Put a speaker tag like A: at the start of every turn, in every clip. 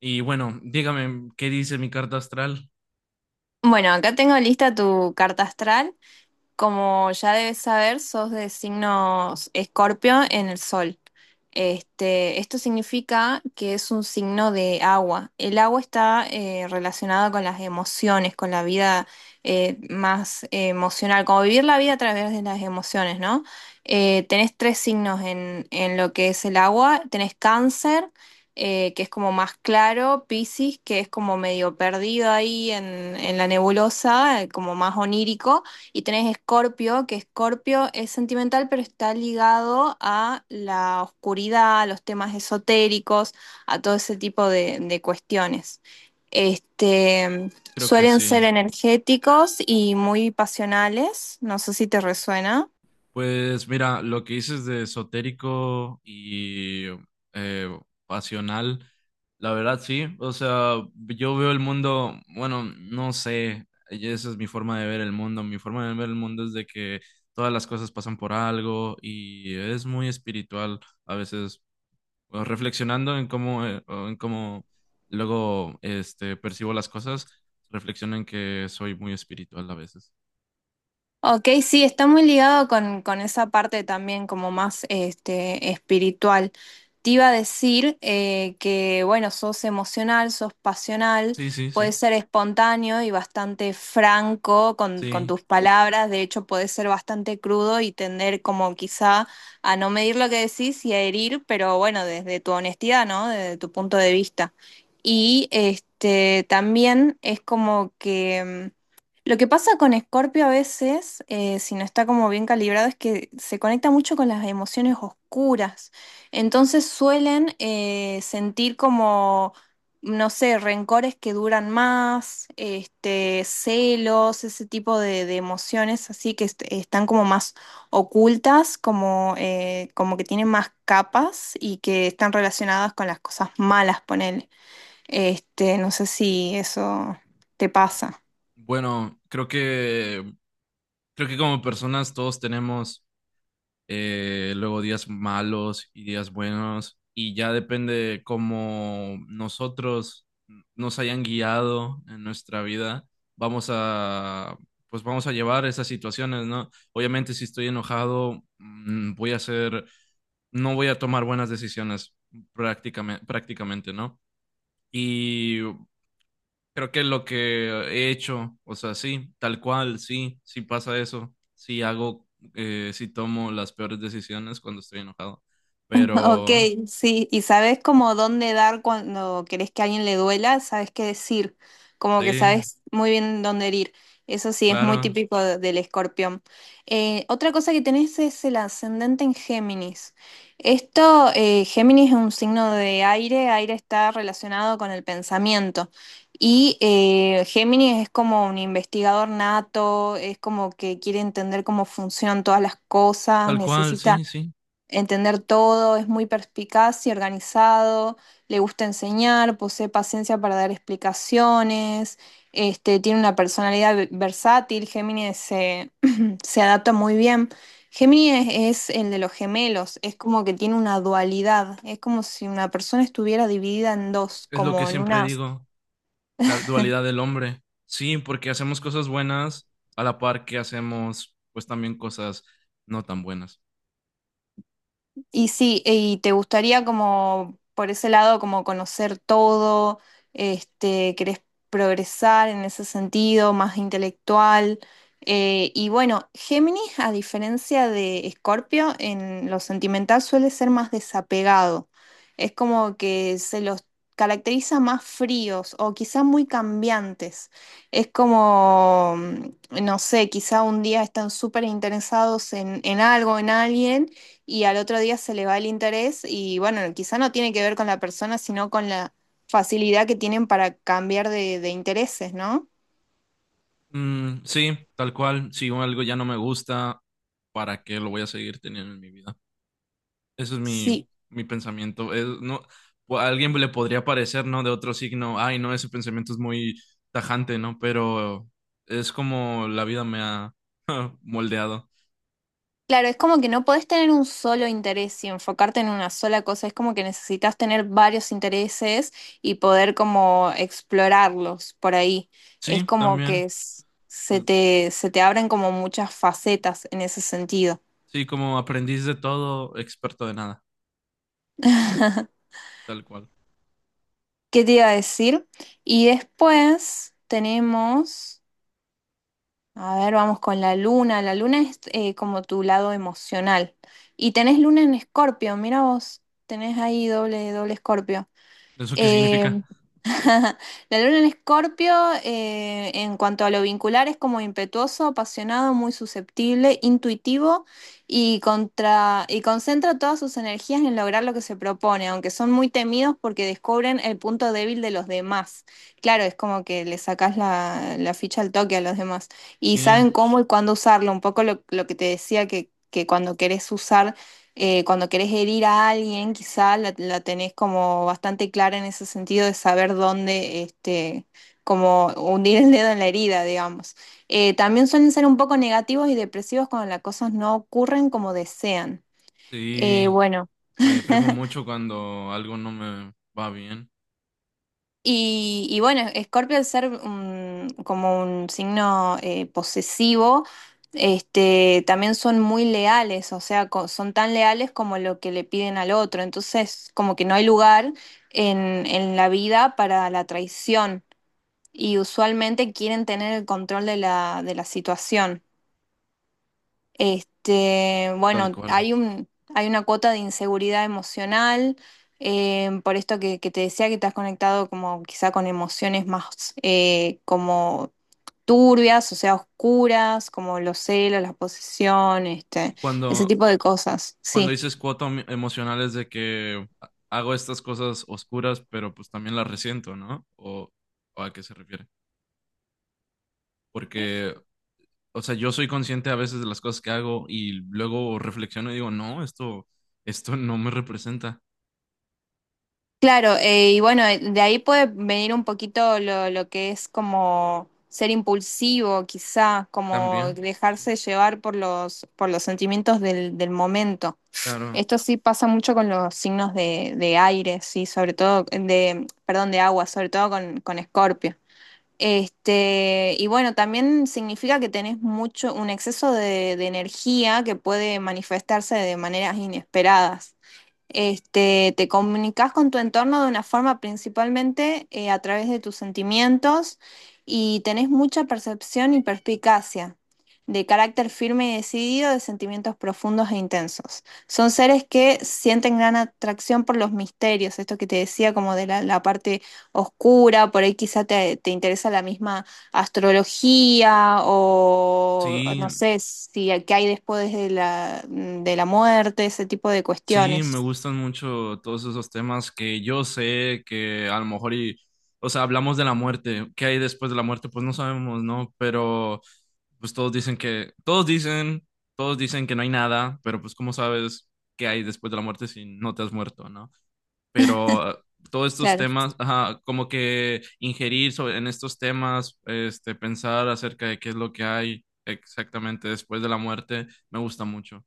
A: Y bueno, dígame, ¿qué dice mi carta astral?
B: Bueno, acá tengo lista tu carta astral. Como ya debes saber, sos de signos Escorpio en el Sol. Esto significa que es un signo de agua. El agua está relacionada con las emociones, con la vida más emocional, como vivir la vida a través de las emociones, ¿no? Tenés tres signos en lo que es el agua. Tenés Cáncer, que es como más claro, Piscis, que es como medio perdido ahí en la nebulosa, como más onírico. Y tenés Escorpio, que Escorpio es sentimental, pero está ligado a la oscuridad, a los temas esotéricos, a todo ese tipo de cuestiones. Este,
A: Creo que
B: suelen
A: sí.
B: ser energéticos y muy pasionales, no sé si te resuena.
A: Pues mira, lo que dices de esotérico y eh, pasional, la verdad sí. O sea, yo veo el mundo, bueno, no sé, y esa es mi forma de ver el mundo. Mi forma de ver el mundo es de que todas las cosas pasan por algo y es muy espiritual a veces, o reflexionando en cómo, o en cómo luego percibo las cosas, reflexiono en que soy muy espiritual a veces.
B: Ok, sí, está muy ligado con esa parte también como más este, espiritual. Te iba a decir bueno, sos emocional, sos pasional,
A: Sí, sí, sí,
B: podés ser espontáneo y bastante franco con
A: sí.
B: tus palabras, de hecho podés ser bastante crudo y tender como quizá a no medir lo que decís y a herir, pero bueno, desde tu honestidad, ¿no? Desde tu punto de vista. Y este, también es como que lo que pasa con Escorpio a veces, si no está como bien calibrado, es que se conecta mucho con las emociones oscuras. Entonces suelen sentir como, no sé, rencores que duran más, este, celos, ese tipo de emociones así que están como más ocultas, como, como que tienen más capas y que están relacionadas con las cosas malas, ponele. Este, no sé si eso te pasa.
A: Bueno, creo que como personas todos tenemos luego días malos y días buenos, y ya depende de cómo nosotros nos hayan guiado en nuestra vida, vamos a, pues vamos a llevar esas situaciones, ¿no? Obviamente si estoy enojado, voy a hacer, no voy a tomar buenas decisiones prácticamente, ¿no? Y creo que lo que he hecho, o sea, sí, tal cual, sí, sí pasa eso, sí hago, sí tomo las peores decisiones cuando estoy enojado,
B: Ok,
A: pero
B: sí, y sabes como dónde dar cuando querés que a alguien le duela, sabes qué decir, como que
A: sí,
B: sabes muy bien dónde herir. Eso sí, es muy
A: claro,
B: típico del escorpión. Otra cosa que tenés es el ascendente en Géminis. Esto, Géminis es un signo de aire, aire está relacionado con el pensamiento. Y Géminis es como un investigador nato, es como que quiere entender cómo funcionan todas las cosas,
A: tal cual,
B: necesita
A: sí, sí,
B: entender todo, es muy perspicaz y organizado, le gusta enseñar, posee paciencia para dar explicaciones, este, tiene una personalidad versátil, se adapta muy bien. Géminis es el de los gemelos, es como que tiene una dualidad, es como si una persona estuviera dividida en dos,
A: es lo que
B: como en
A: siempre
B: una...
A: digo, la dualidad del hombre, sí, porque hacemos cosas buenas a la par que hacemos, pues también cosas no tan buenas.
B: Y sí, y te gustaría como por ese lado como conocer todo, este, querés progresar en ese sentido, más intelectual. Y bueno, Géminis, a diferencia de Escorpio, en lo sentimental suele ser más desapegado. Es como que se los caracteriza más fríos o quizá muy cambiantes. Es como, no sé, quizá un día están súper interesados en algo, en alguien y al otro día se le va el interés y bueno, quizá no tiene que ver con la persona, sino con la facilidad que tienen para cambiar de intereses, ¿no?
A: Mm, sí, tal cual, si algo ya no me gusta, ¿para qué lo voy a seguir teniendo en mi vida? Eso es mi,
B: Sí,
A: mi pensamiento. Es- no, o a alguien le podría parecer, ¿no? De otro signo, ay, no, ese pensamiento es muy tajante, ¿no? Pero es como la vida me ha moldeado.
B: claro, es como que no podés tener un solo interés y enfocarte en una sola cosa, es como que necesitas tener varios intereses y poder como explorarlos por ahí. Es
A: Sí,
B: como
A: también.
B: que
A: Pues,
B: se te abren como muchas facetas en ese sentido.
A: sí, como aprendiz de todo, experto de nada, tal cual.
B: ¿Qué te iba a decir? Y después tenemos... A ver, vamos con la luna. La luna es como tu lado emocional. Y tenés luna en Escorpio, mira vos, tenés ahí doble Escorpio.
A: ¿Eso qué
B: Eh,
A: significa?
B: la luna en Escorpio, en cuanto a lo vincular, es como impetuoso, apasionado, muy susceptible, intuitivo y concentra todas sus energías en lograr lo que se propone, aunque son muy temidos porque descubren el punto débil de los demás. Claro, es como que le sacás la ficha al toque a los demás y
A: Sí,
B: saben cómo y cuándo usarlo, un poco lo que te decía que cuando querés usar cuando querés herir a alguien, quizá la tenés como bastante clara en ese sentido de saber dónde, este, como hundir el dedo en la herida, digamos. También suelen ser un poco negativos y depresivos cuando las cosas no ocurren como desean.
A: sí,
B: Bueno.
A: me deprimo mucho cuando algo no me va bien,
B: Y bueno, Escorpio al ser como un signo posesivo, este, también son muy leales, o sea, son tan leales como lo que le piden al otro. Entonces, como que no hay lugar en la vida para la traición y usualmente quieren tener el control de de la situación. Este,
A: tal
B: bueno,
A: cual.
B: hay un, hay una cuota de inseguridad emocional, por esto que te decía que te has conectado como quizá con emociones más como turbias, o sea, oscuras, como los celos, la posesión, este,
A: Y
B: ese
A: cuando,
B: tipo de cosas,
A: cuando
B: sí.
A: dices cuota emo- emocional es de que hago estas cosas oscuras, pero pues también las resiento, ¿no? O a qué se refiere? Porque, o sea, yo soy consciente a veces de las cosas que hago y luego reflexiono y digo, no, esto no me representa
B: Claro, de ahí puede venir un poquito lo que es como ser impulsivo, quizá, como
A: también. Sí.
B: dejarse llevar por los sentimientos del momento.
A: Claro.
B: Esto sí pasa mucho con los signos de aire, sí, sobre todo, de, perdón, de agua, sobre todo con Escorpio. Este, y bueno, también significa que tenés mucho, un exceso de energía que puede manifestarse de maneras inesperadas. Este, te comunicas con tu entorno de una forma principalmente a través de tus sentimientos y tenés mucha percepción y perspicacia, de carácter firme y decidido, de sentimientos profundos e intensos. Son seres que sienten gran atracción por los misterios, esto que te decía como de la parte oscura, por ahí quizá te interesa la misma astrología o
A: Sí,
B: no sé si qué hay después de de la muerte, ese tipo de
A: sí, me
B: cuestiones.
A: gustan mucho todos esos temas que yo sé que a lo mejor y, o sea, hablamos de la muerte, ¿qué hay después de la muerte? Pues no sabemos, ¿no? Pero pues todos dicen que no hay nada, pero pues cómo sabes qué hay después de la muerte si no te has muerto, ¿no? Pero todos estos
B: Claro,
A: temas, ajá, como que ingerir sobre- en estos temas, este, pensar acerca de qué es lo que hay exactamente después de la muerte, me gusta mucho,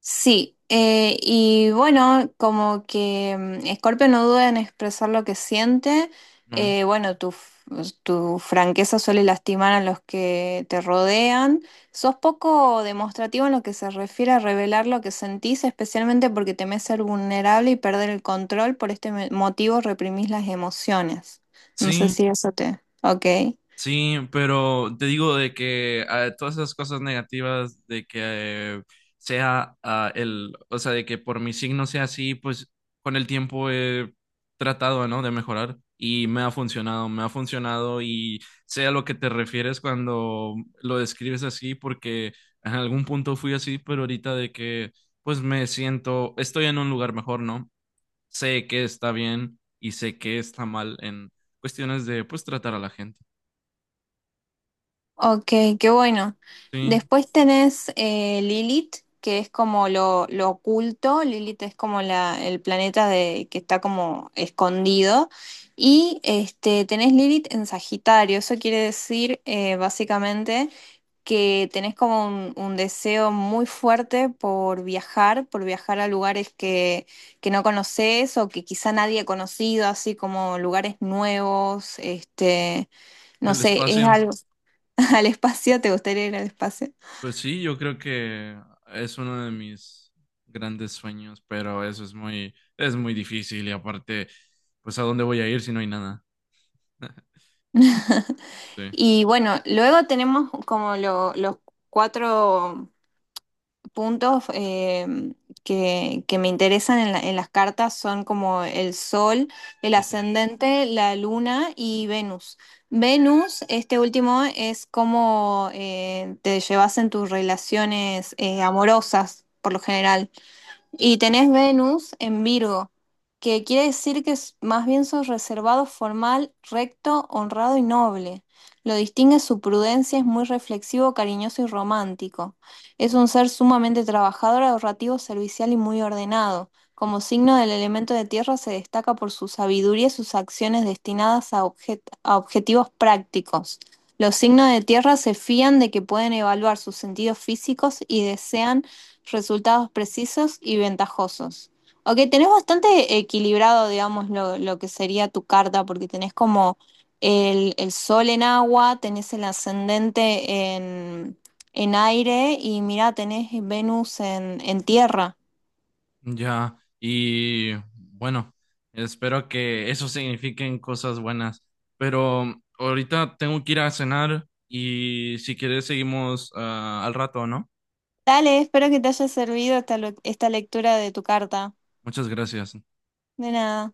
B: sí. Scorpio no duda en expresar lo que siente,
A: ¿no?
B: tu franqueza suele lastimar a los que te rodean. Sos poco demostrativo en lo que se refiere a revelar lo que sentís, especialmente porque temés ser vulnerable y perder el control. Por este motivo reprimís las emociones. No sé
A: Sí.
B: si eso te... Ok.
A: Sí, pero te digo de que todas esas cosas negativas de que sea el, o sea, de que por mi signo sea así, pues con el tiempo he tratado, ¿no? De mejorar y me ha funcionado y sé a lo que te refieres cuando lo describes así, porque en algún punto fui así, pero ahorita de que pues me siento, estoy en un lugar mejor, ¿no? Sé que está bien y sé que está mal en cuestiones de pues tratar a la gente.
B: Ok, qué bueno.
A: Sí.
B: Después tenés Lilith, que es como lo oculto. Lilith es como el planeta de, que está como escondido. Y este, tenés Lilith en Sagitario. Eso quiere decir básicamente que tenés como un deseo muy fuerte por viajar a lugares que no conoces o que quizá nadie ha conocido, así como lugares nuevos, este, no
A: El
B: sé, es
A: espacio,
B: algo. Al espacio, ¿te gustaría ir al espacio?
A: pues sí, yo creo que es uno de mis grandes sueños, pero eso es muy difícil y aparte, pues ¿a dónde voy a ir si no hay nada? Sí,
B: Y bueno, luego tenemos como los cuatro puntos que me interesan en, en las cartas, son como el Sol, el
A: ok, ok.
B: ascendente, la Luna y Venus. Venus, este último, es cómo te llevas en tus relaciones amorosas, por lo general. Y tenés Venus en Virgo, que quiere decir que más bien sos reservado, formal, recto, honrado y noble. Lo distingue su prudencia, es muy reflexivo, cariñoso y romántico. Es un ser sumamente trabajador, ahorrativo, servicial y muy ordenado. Como signo del elemento de tierra se destaca por su sabiduría y sus acciones destinadas a, a objetivos prácticos. Los signos de tierra se fían de que pueden evaluar sus sentidos físicos y desean resultados precisos y ventajosos. Ok, tenés bastante equilibrado, digamos, lo que sería tu carta, porque tenés como el sol en agua, tenés el ascendente en aire y mirá, tenés Venus en tierra.
A: Ya, y bueno, espero que eso signifiquen cosas buenas, pero ahorita tengo que ir a cenar y si quieres seguimos al rato, ¿no?
B: Dale, espero que te haya servido esta lectura de tu carta.
A: Muchas gracias.
B: De nada.